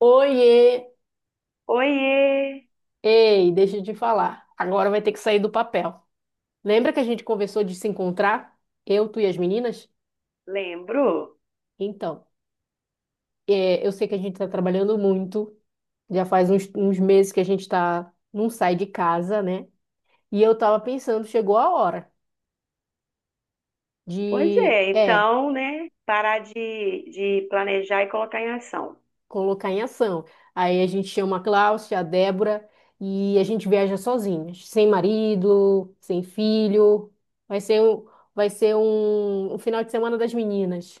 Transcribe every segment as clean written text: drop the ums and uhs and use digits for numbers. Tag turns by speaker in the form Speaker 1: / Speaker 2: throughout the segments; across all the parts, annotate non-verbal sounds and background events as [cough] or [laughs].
Speaker 1: Oiê!
Speaker 2: Oiê,
Speaker 1: Ei, deixa de falar. Agora vai ter que sair do papel. Lembra que a gente conversou de se encontrar? Eu, tu e as meninas?
Speaker 2: lembro?
Speaker 1: Então, eu sei que a gente está trabalhando muito. Já faz uns meses que a gente tá, não sai de casa, né? E eu tava pensando, chegou a hora
Speaker 2: Pois
Speaker 1: de,
Speaker 2: é, então, né, parar de planejar e colocar em ação.
Speaker 1: colocar em ação. Aí a gente chama a Cláudia, a Débora e a gente viaja sozinhas, sem marido, sem filho. Vai ser um, vai ser um final de semana das meninas.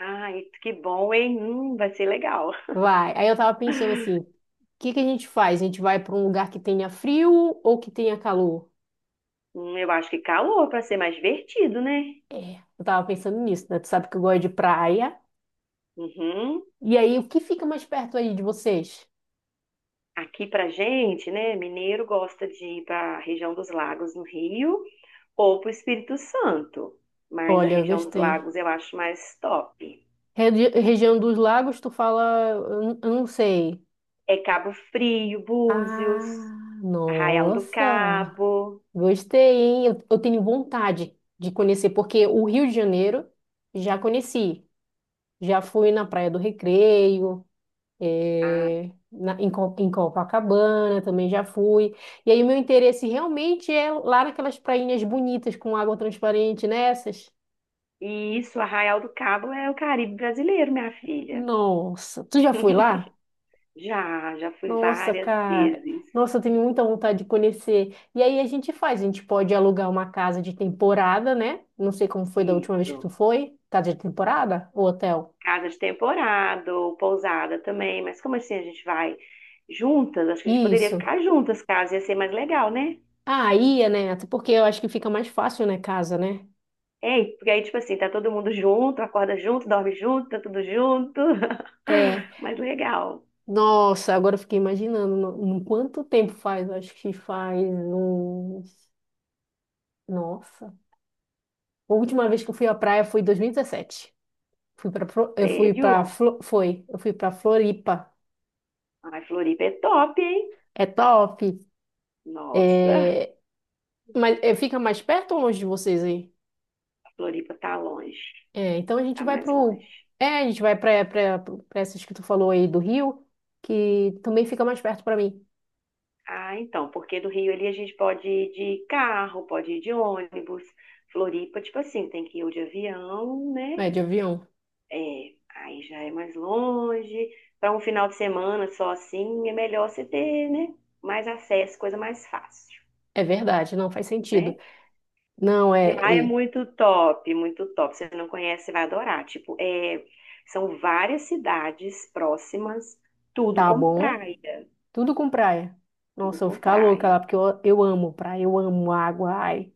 Speaker 2: Ai, que bom, hein? Vai ser legal.
Speaker 1: Vai. Aí eu tava pensando assim, o que que a gente faz? A gente vai para um lugar que tenha frio ou que tenha calor?
Speaker 2: Eu acho que calor para ser mais divertido, né?
Speaker 1: Eu tava pensando nisso, né? Tu sabe que eu gosto de praia.
Speaker 2: Uhum.
Speaker 1: E aí, o que fica mais perto aí de vocês?
Speaker 2: Aqui pra gente, né, mineiro gosta de ir para a região dos lagos no Rio ou para o Espírito Santo, mas a
Speaker 1: Olha, eu
Speaker 2: região dos
Speaker 1: gostei.
Speaker 2: lagos eu acho mais top.
Speaker 1: Região dos Lagos, tu fala, eu não sei.
Speaker 2: É Cabo Frio, Búzios,
Speaker 1: Ah,
Speaker 2: Arraial do
Speaker 1: nossa,
Speaker 2: Cabo.
Speaker 1: gostei, hein? Eu tenho vontade de conhecer, porque o Rio de Janeiro já conheci. Já fui na Praia do Recreio, em Copacabana também já fui. E aí, o meu interesse realmente é lá naquelas prainhas bonitas com água transparente, nessas.
Speaker 2: E isso, Arraial do Cabo é o Caribe brasileiro, minha filha.
Speaker 1: Nossa, tu já foi lá?
Speaker 2: [laughs] Já, já fui
Speaker 1: Nossa,
Speaker 2: várias
Speaker 1: cara.
Speaker 2: vezes.
Speaker 1: Nossa, eu tenho muita vontade de conhecer. E aí a gente faz, a gente pode alugar uma casa de temporada, né? Não sei como foi da última vez que tu
Speaker 2: Isso.
Speaker 1: foi. Casa de temporada ou hotel?
Speaker 2: Casa de temporada, ou pousada também. Mas como assim a gente vai juntas? Acho que a gente poderia
Speaker 1: Isso.
Speaker 2: ficar juntas, caso ia ser mais legal, né?
Speaker 1: Ah, ia, né? Até porque eu acho que fica mais fácil, né, casa, né?
Speaker 2: É, porque aí, tipo assim, tá todo mundo junto, acorda junto, dorme junto, tá tudo junto.
Speaker 1: É.
Speaker 2: [laughs] Mais legal.
Speaker 1: Nossa, agora eu fiquei imaginando no quanto tempo faz. Eu acho que faz uns. Nossa. A última vez que eu fui à praia foi em 2017. Fui para eu fui para
Speaker 2: Sério?
Speaker 1: foi, eu fui para Floripa.
Speaker 2: Ai, Floripa é top, hein?
Speaker 1: É top.
Speaker 2: Nossa,
Speaker 1: É, fica mais perto ou longe de vocês aí?
Speaker 2: Floripa tá longe.
Speaker 1: É, então a gente
Speaker 2: Tá
Speaker 1: vai
Speaker 2: mais longe.
Speaker 1: pro. É, a gente vai pra essas que tu falou aí do Rio, que também fica mais perto pra mim.
Speaker 2: Ah, então, porque do Rio ali a gente pode ir de carro, pode ir de ônibus. Floripa, tipo assim, tem que ir ou de avião, né?
Speaker 1: É, de avião.
Speaker 2: É, aí já é mais longe. Para um final de semana só assim, é melhor você ter, né? Mais acesso, coisa mais fácil,
Speaker 1: É verdade, não faz sentido.
Speaker 2: né?
Speaker 1: Não,
Speaker 2: E
Speaker 1: é,
Speaker 2: lá é
Speaker 1: é,
Speaker 2: muito top, muito top. Se você não conhece, você vai adorar. Tipo, é, são várias cidades próximas, tudo
Speaker 1: Tá
Speaker 2: com
Speaker 1: bom.
Speaker 2: praia,
Speaker 1: Tudo com praia.
Speaker 2: tudo
Speaker 1: Nossa, eu vou
Speaker 2: com
Speaker 1: ficar louca lá,
Speaker 2: praia.
Speaker 1: porque eu amo praia, eu amo água. Ai,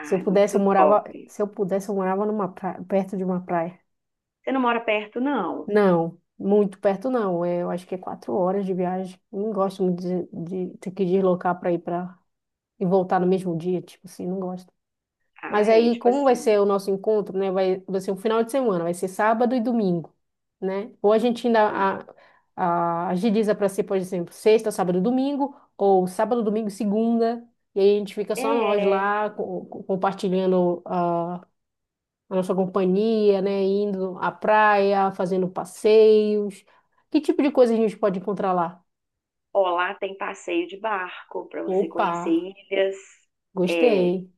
Speaker 1: se eu
Speaker 2: é
Speaker 1: pudesse, eu
Speaker 2: muito
Speaker 1: morava.
Speaker 2: top.
Speaker 1: Se eu pudesse, eu morava numa praia, perto de uma praia.
Speaker 2: Você não mora perto, não?
Speaker 1: Não, muito perto não. É, eu acho que é 4 horas de viagem. Eu não gosto muito de ter que deslocar para ir para e voltar no mesmo dia, tipo assim, não gosto. Mas
Speaker 2: Ah, é,
Speaker 1: aí,
Speaker 2: tipo
Speaker 1: como vai
Speaker 2: assim.
Speaker 1: ser o nosso encontro, né? Vai ser um final de semana, vai ser sábado e domingo, né? Ou a gente ainda agiliza para ser, por exemplo, sexta, sábado e domingo, ou sábado, domingo e segunda, e aí a gente fica só nós
Speaker 2: É.
Speaker 1: lá compartilhando a nossa companhia, né? Indo à praia, fazendo passeios. Que tipo de coisa a gente pode encontrar lá?
Speaker 2: Ó, lá tem passeio de barco para você
Speaker 1: Opa,
Speaker 2: conhecer ilhas. É
Speaker 1: gostei.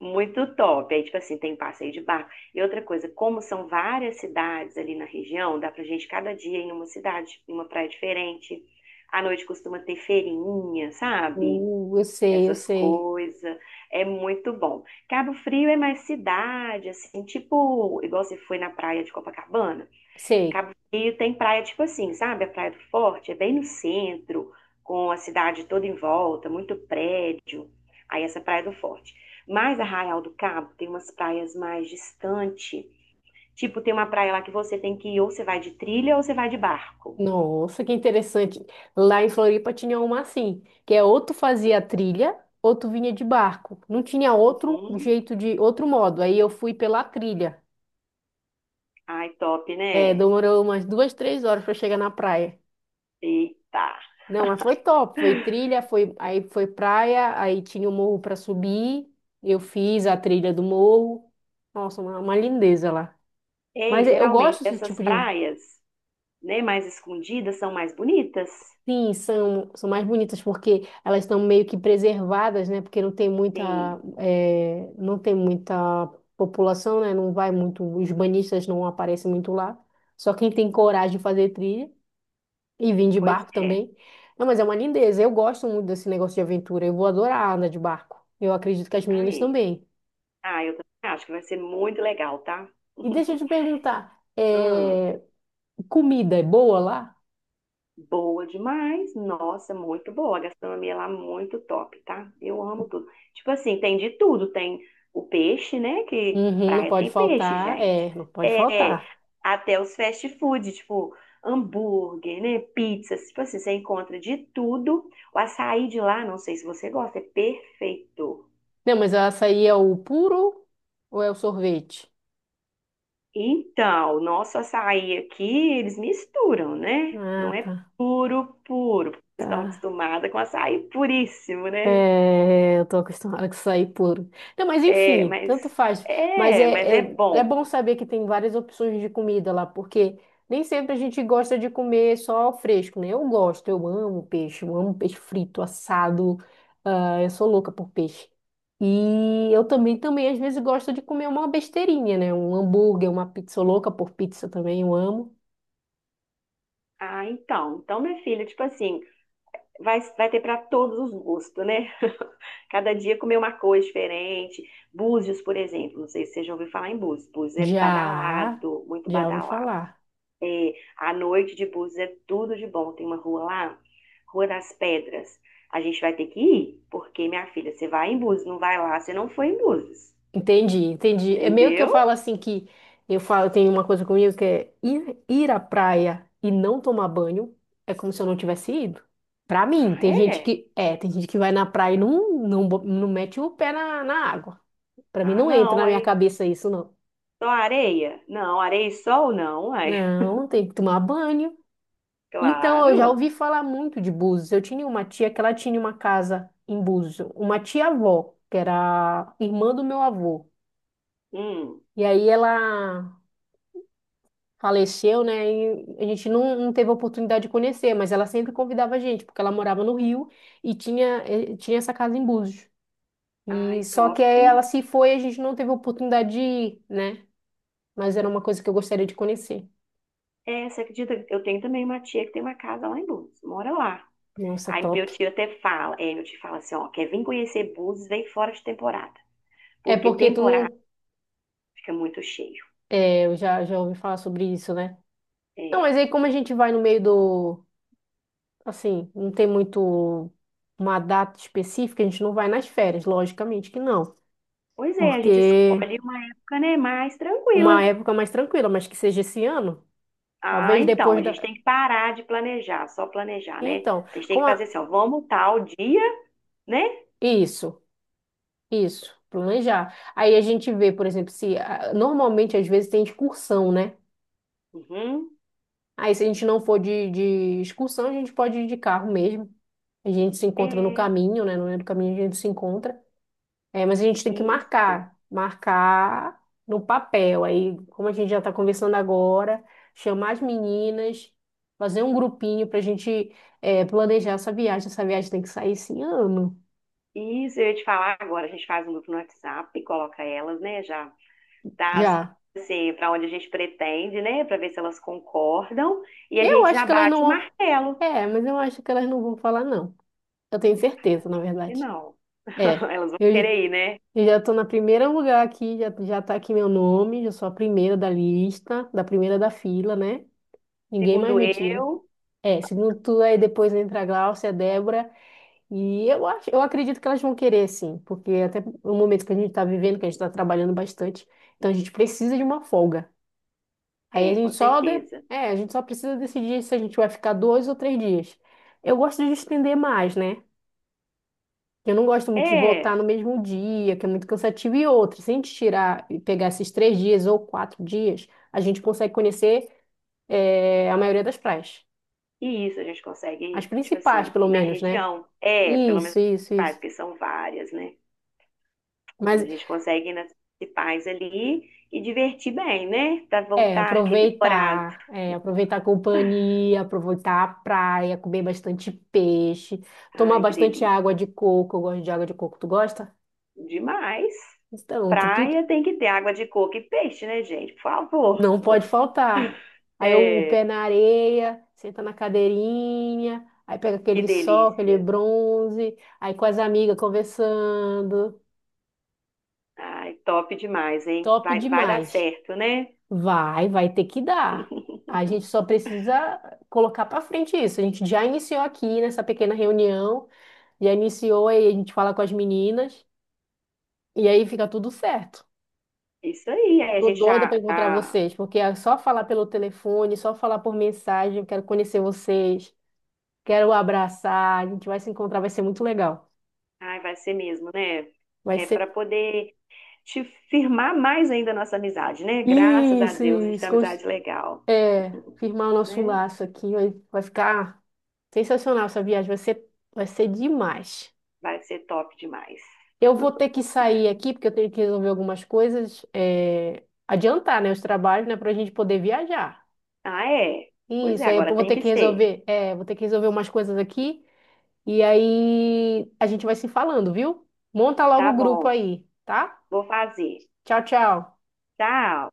Speaker 2: muito top. Aí, tipo assim, tem passeio de barco. E outra coisa, como são várias cidades ali na região, dá pra gente cada dia ir em uma cidade, em uma praia diferente. À noite costuma ter feirinha, sabe?
Speaker 1: Eu
Speaker 2: Essas
Speaker 1: sei,
Speaker 2: coisas. É muito bom. Cabo Frio é mais cidade, assim, tipo, igual você foi na praia de Copacabana.
Speaker 1: sei.
Speaker 2: Cabo Frio tem praia tipo assim, sabe? A Praia do Forte é bem no centro, com a cidade toda em volta, muito prédio. Aí essa é a Praia do Forte. Mas Arraial do Cabo tem umas praias mais distante. Tipo, tem uma praia lá que você tem que ir, ou você vai de trilha ou você vai de barco.
Speaker 1: Nossa, que interessante. Lá em Floripa tinha uma assim, que é ou tu fazia trilha, ou tu vinha de barco. Não tinha outro
Speaker 2: Uhum.
Speaker 1: jeito de, outro modo. Aí eu fui pela trilha.
Speaker 2: Ai, top,
Speaker 1: É,
Speaker 2: né?
Speaker 1: demorou umas 2, 3 horas para chegar na praia.
Speaker 2: Eita.
Speaker 1: Não, mas foi top. Foi trilha, foi, aí foi praia, aí tinha o morro para subir. Eu fiz a trilha do morro. Nossa, uma lindeza lá.
Speaker 2: Ei,
Speaker 1: Mas eu
Speaker 2: geralmente
Speaker 1: gosto desse
Speaker 2: essas
Speaker 1: tipo de.
Speaker 2: praias, né, mais escondidas são mais bonitas.
Speaker 1: Sim, são mais bonitas porque elas estão meio que preservadas, né? Porque não tem
Speaker 2: Sim,
Speaker 1: muita, não tem muita população, né? Não vai muito, os banhistas não aparecem muito lá. Só quem tem coragem de fazer trilha. E vim de
Speaker 2: pois
Speaker 1: barco
Speaker 2: é.
Speaker 1: também. Não, mas é uma lindeza. Eu gosto muito desse negócio de aventura. Eu vou adorar andar de barco. Eu acredito que as meninas
Speaker 2: Ai.
Speaker 1: também.
Speaker 2: Ah, eu também acho que vai ser muito legal, tá?
Speaker 1: E deixa eu
Speaker 2: [laughs]
Speaker 1: te perguntar,
Speaker 2: Hum,
Speaker 1: comida é boa lá?
Speaker 2: boa demais. Nossa, muito boa. A gastronomia lá é muito top, tá? Eu amo tudo. Tipo assim, tem de tudo. Tem o peixe, né? Que
Speaker 1: Uhum, não
Speaker 2: praia
Speaker 1: pode
Speaker 2: tem peixe,
Speaker 1: faltar.
Speaker 2: gente.
Speaker 1: É, não pode
Speaker 2: É,
Speaker 1: faltar.
Speaker 2: até os fast food, tipo hambúrguer, né? Pizzas. Tipo assim, você encontra de tudo. O açaí de lá, não sei se você gosta, é perfeito.
Speaker 1: Não, mas o açaí é o puro ou é o sorvete?
Speaker 2: Então, nosso açaí aqui, eles misturam, né? Não
Speaker 1: Ah,
Speaker 2: é
Speaker 1: tá.
Speaker 2: puro, puro. Porque estão
Speaker 1: Tá.
Speaker 2: acostumados com açaí puríssimo, né?
Speaker 1: É, eu tô acostumada com açaí puro. Não, mas
Speaker 2: É,
Speaker 1: enfim,
Speaker 2: mas
Speaker 1: tanto faz. Mas
Speaker 2: mas é
Speaker 1: é
Speaker 2: bom.
Speaker 1: bom saber que tem várias opções de comida lá, porque nem sempre a gente gosta de comer só o fresco, né? Eu gosto, eu amo peixe frito, assado. Ah, eu sou louca por peixe. E eu também, também, às vezes, gosto de comer uma besteirinha, né? Um hambúrguer, uma pizza sou louca por pizza também, eu amo.
Speaker 2: Ah, então, então, minha filha, tipo assim, vai, vai ter para todos os gostos, né? Cada dia comer uma coisa diferente. Búzios, por exemplo, não sei se você já ouviu falar em Búzios. Búzios é
Speaker 1: Já,
Speaker 2: badalado, muito
Speaker 1: já ouvi
Speaker 2: badalado.
Speaker 1: falar.
Speaker 2: É, à noite de Búzios é tudo de bom. Tem uma rua lá, Rua das Pedras. A gente vai ter que ir, porque, minha filha, você vai em Búzios, não vai lá, você não foi em Búzios.
Speaker 1: Entendi, entendi. É meio que eu falo
Speaker 2: Entendeu?
Speaker 1: assim que eu falo, tem uma coisa comigo que é ir à praia e não tomar banho é como se eu não tivesse ido. Pra mim,
Speaker 2: Ah,
Speaker 1: tem gente
Speaker 2: é?
Speaker 1: que é, tem gente que vai na praia e não mete o pé na água. Pra mim
Speaker 2: Ah,
Speaker 1: não entra
Speaker 2: não,
Speaker 1: na minha
Speaker 2: aí.
Speaker 1: cabeça isso, não.
Speaker 2: Só areia? Não, areia e sol não, ai. [laughs]
Speaker 1: Não, tem que tomar banho. Então, eu já
Speaker 2: Claro.
Speaker 1: ouvi falar muito de Búzios. Eu tinha uma tia que ela tinha uma casa em Búzios, uma tia-avó, que era irmã do meu avô.
Speaker 2: Hum.
Speaker 1: E aí ela faleceu, né? E a gente não teve a oportunidade de conhecer, mas ela sempre convidava a gente, porque ela morava no Rio e tinha, tinha essa casa em Búzios.
Speaker 2: Ai,
Speaker 1: E só que
Speaker 2: top,
Speaker 1: aí
Speaker 2: hein?
Speaker 1: ela se foi, a gente não teve a oportunidade de ir, né? Mas era uma coisa que eu gostaria de conhecer.
Speaker 2: É, você acredita que eu tenho também uma tia que tem uma casa lá em Búzios, mora lá.
Speaker 1: Nossa,
Speaker 2: Aí meu
Speaker 1: top.
Speaker 2: tio até fala, é, meu tio fala assim, ó, quer vir conhecer Búzios, vem fora de temporada,
Speaker 1: É
Speaker 2: porque
Speaker 1: porque tu
Speaker 2: temporada
Speaker 1: não,
Speaker 2: fica muito cheio.
Speaker 1: é, eu já já ouvi falar sobre isso, né? Não, mas
Speaker 2: É.
Speaker 1: aí como a gente vai no meio do, assim, não tem muito uma data específica, a gente não vai nas férias, logicamente que não,
Speaker 2: Pois é, a gente
Speaker 1: porque
Speaker 2: escolhe uma época, né, mais
Speaker 1: uma
Speaker 2: tranquila.
Speaker 1: época mais tranquila, mas que seja esse ano.
Speaker 2: Ah,
Speaker 1: Talvez
Speaker 2: então,
Speaker 1: depois
Speaker 2: a gente
Speaker 1: da.
Speaker 2: tem que parar de planejar, só planejar, né?
Speaker 1: Então,
Speaker 2: A gente tem
Speaker 1: como
Speaker 2: que fazer
Speaker 1: a...
Speaker 2: assim, ó, vamos tal dia, né?
Speaker 1: Isso, isso, planejar. Aí a gente vê, por exemplo, se ah, normalmente às vezes tem excursão, né?
Speaker 2: Uhum,
Speaker 1: Aí se a gente não for de excursão, a gente pode ir de carro mesmo. A gente se encontra no
Speaker 2: é,
Speaker 1: caminho, né? No meio do caminho a gente se encontra. É, mas a gente tem que
Speaker 2: isso.
Speaker 1: marcar no papel. Aí, como a gente já está conversando agora, chamar as meninas, fazer um grupinho para a gente planejar essa viagem. Essa viagem tem que sair esse ano
Speaker 2: Isso, eu ia te falar agora, a gente faz um grupo no WhatsApp e coloca elas, né, já dá as-
Speaker 1: já.
Speaker 2: assim, para onde a gente pretende, né, para ver se elas concordam, e a
Speaker 1: Eu
Speaker 2: gente
Speaker 1: acho
Speaker 2: já
Speaker 1: que elas não
Speaker 2: bate o
Speaker 1: vão.
Speaker 2: martelo.
Speaker 1: É, mas eu acho que elas não vão falar, não. Eu tenho
Speaker 2: Ah,
Speaker 1: certeza, na
Speaker 2: também, acho que
Speaker 1: verdade.
Speaker 2: não.
Speaker 1: É.
Speaker 2: [laughs] Elas vão
Speaker 1: Eu, j-
Speaker 2: querer ir, né?
Speaker 1: eu já tô na primeira lugar aqui, já, já tá aqui meu nome, já sou a primeira da lista, da primeira da fila, né? Ninguém mais
Speaker 2: Segundo
Speaker 1: me tira.
Speaker 2: eu,
Speaker 1: É, segundo tu, aí depois entra a Glaucia, a Débora, e eu acho, eu acredito que elas vão querer, sim, porque até o momento que a gente tá vivendo, que a gente tá trabalhando bastante, então a gente precisa de uma folga. Aí a
Speaker 2: é, com
Speaker 1: gente só de...
Speaker 2: certeza.
Speaker 1: a gente só precisa decidir se a gente vai ficar dois ou três dias. Eu gosto de estender mais, né? Eu não gosto muito de
Speaker 2: É,
Speaker 1: voltar no mesmo dia, que é muito cansativo. E outra, se a gente tirar e pegar esses três dias ou quatro dias, a gente consegue conhecer, a maioria das praias.
Speaker 2: e isso a gente
Speaker 1: As
Speaker 2: consegue, tipo
Speaker 1: principais,
Speaker 2: assim,
Speaker 1: pelo
Speaker 2: na
Speaker 1: menos, né?
Speaker 2: região. É, pelo menos
Speaker 1: Isso,
Speaker 2: as
Speaker 1: isso,
Speaker 2: principais,
Speaker 1: isso.
Speaker 2: porque são várias, né? Mas a
Speaker 1: Mas
Speaker 2: gente consegue ir nas principais ali e divertir bem, né? Pra
Speaker 1: é
Speaker 2: voltar revigorado.
Speaker 1: aproveitar, aproveitar a companhia, aproveitar a praia, comer bastante peixe, tomar
Speaker 2: Ai, que
Speaker 1: bastante
Speaker 2: delícia.
Speaker 1: água de coco. Eu gosto de água de coco. Tu gosta?
Speaker 2: Demais.
Speaker 1: Então, tá tudo
Speaker 2: Praia tem que ter água de coco e peixe, né, gente? Por favor.
Speaker 1: não pode faltar. Aí eu- o pé na areia, senta na cadeirinha, aí pega
Speaker 2: Que
Speaker 1: aquele sol, aquele
Speaker 2: delícia.
Speaker 1: bronze, aí com as amigas conversando.
Speaker 2: Ai, top demais, hein?
Speaker 1: Top
Speaker 2: Vai, vai dar
Speaker 1: demais.
Speaker 2: certo, né?
Speaker 1: Vai ter que dar. A gente só precisa colocar para frente isso. A gente já iniciou aqui nessa pequena reunião, já iniciou aí a gente fala com as meninas e aí fica tudo certo.
Speaker 2: Isso aí. Aí a
Speaker 1: Tô
Speaker 2: gente
Speaker 1: doida
Speaker 2: já,
Speaker 1: para encontrar
Speaker 2: já...
Speaker 1: vocês, porque é só falar pelo telefone, só falar por mensagem, eu quero conhecer vocês, quero abraçar, a gente vai se encontrar, vai ser muito legal.
Speaker 2: Ai, vai ser mesmo, né?
Speaker 1: Vai
Speaker 2: É para
Speaker 1: ser
Speaker 2: poder te firmar mais ainda a nossa amizade, né? Graças a
Speaker 1: isso,
Speaker 2: Deus, a gente
Speaker 1: isso,
Speaker 2: tem uma amizade legal,
Speaker 1: firmar o nosso
Speaker 2: né?
Speaker 1: laço aqui, vai ficar sensacional essa viagem, vai ser demais.
Speaker 2: Vai ser top demais.
Speaker 1: Eu vou ter que sair aqui, porque eu tenho que resolver algumas coisas, adiantar, né, os trabalhos, né, para a gente poder viajar.
Speaker 2: Ah, é? Pois é,
Speaker 1: Isso, aí eu
Speaker 2: agora
Speaker 1: vou
Speaker 2: tem
Speaker 1: ter
Speaker 2: que
Speaker 1: que
Speaker 2: ser.
Speaker 1: resolver, vou ter que resolver umas coisas aqui. E aí a gente vai se falando, viu? Monta logo
Speaker 2: Tá
Speaker 1: o grupo
Speaker 2: bom,
Speaker 1: aí, tá?
Speaker 2: vou fazer.
Speaker 1: Tchau, tchau.
Speaker 2: Tchau.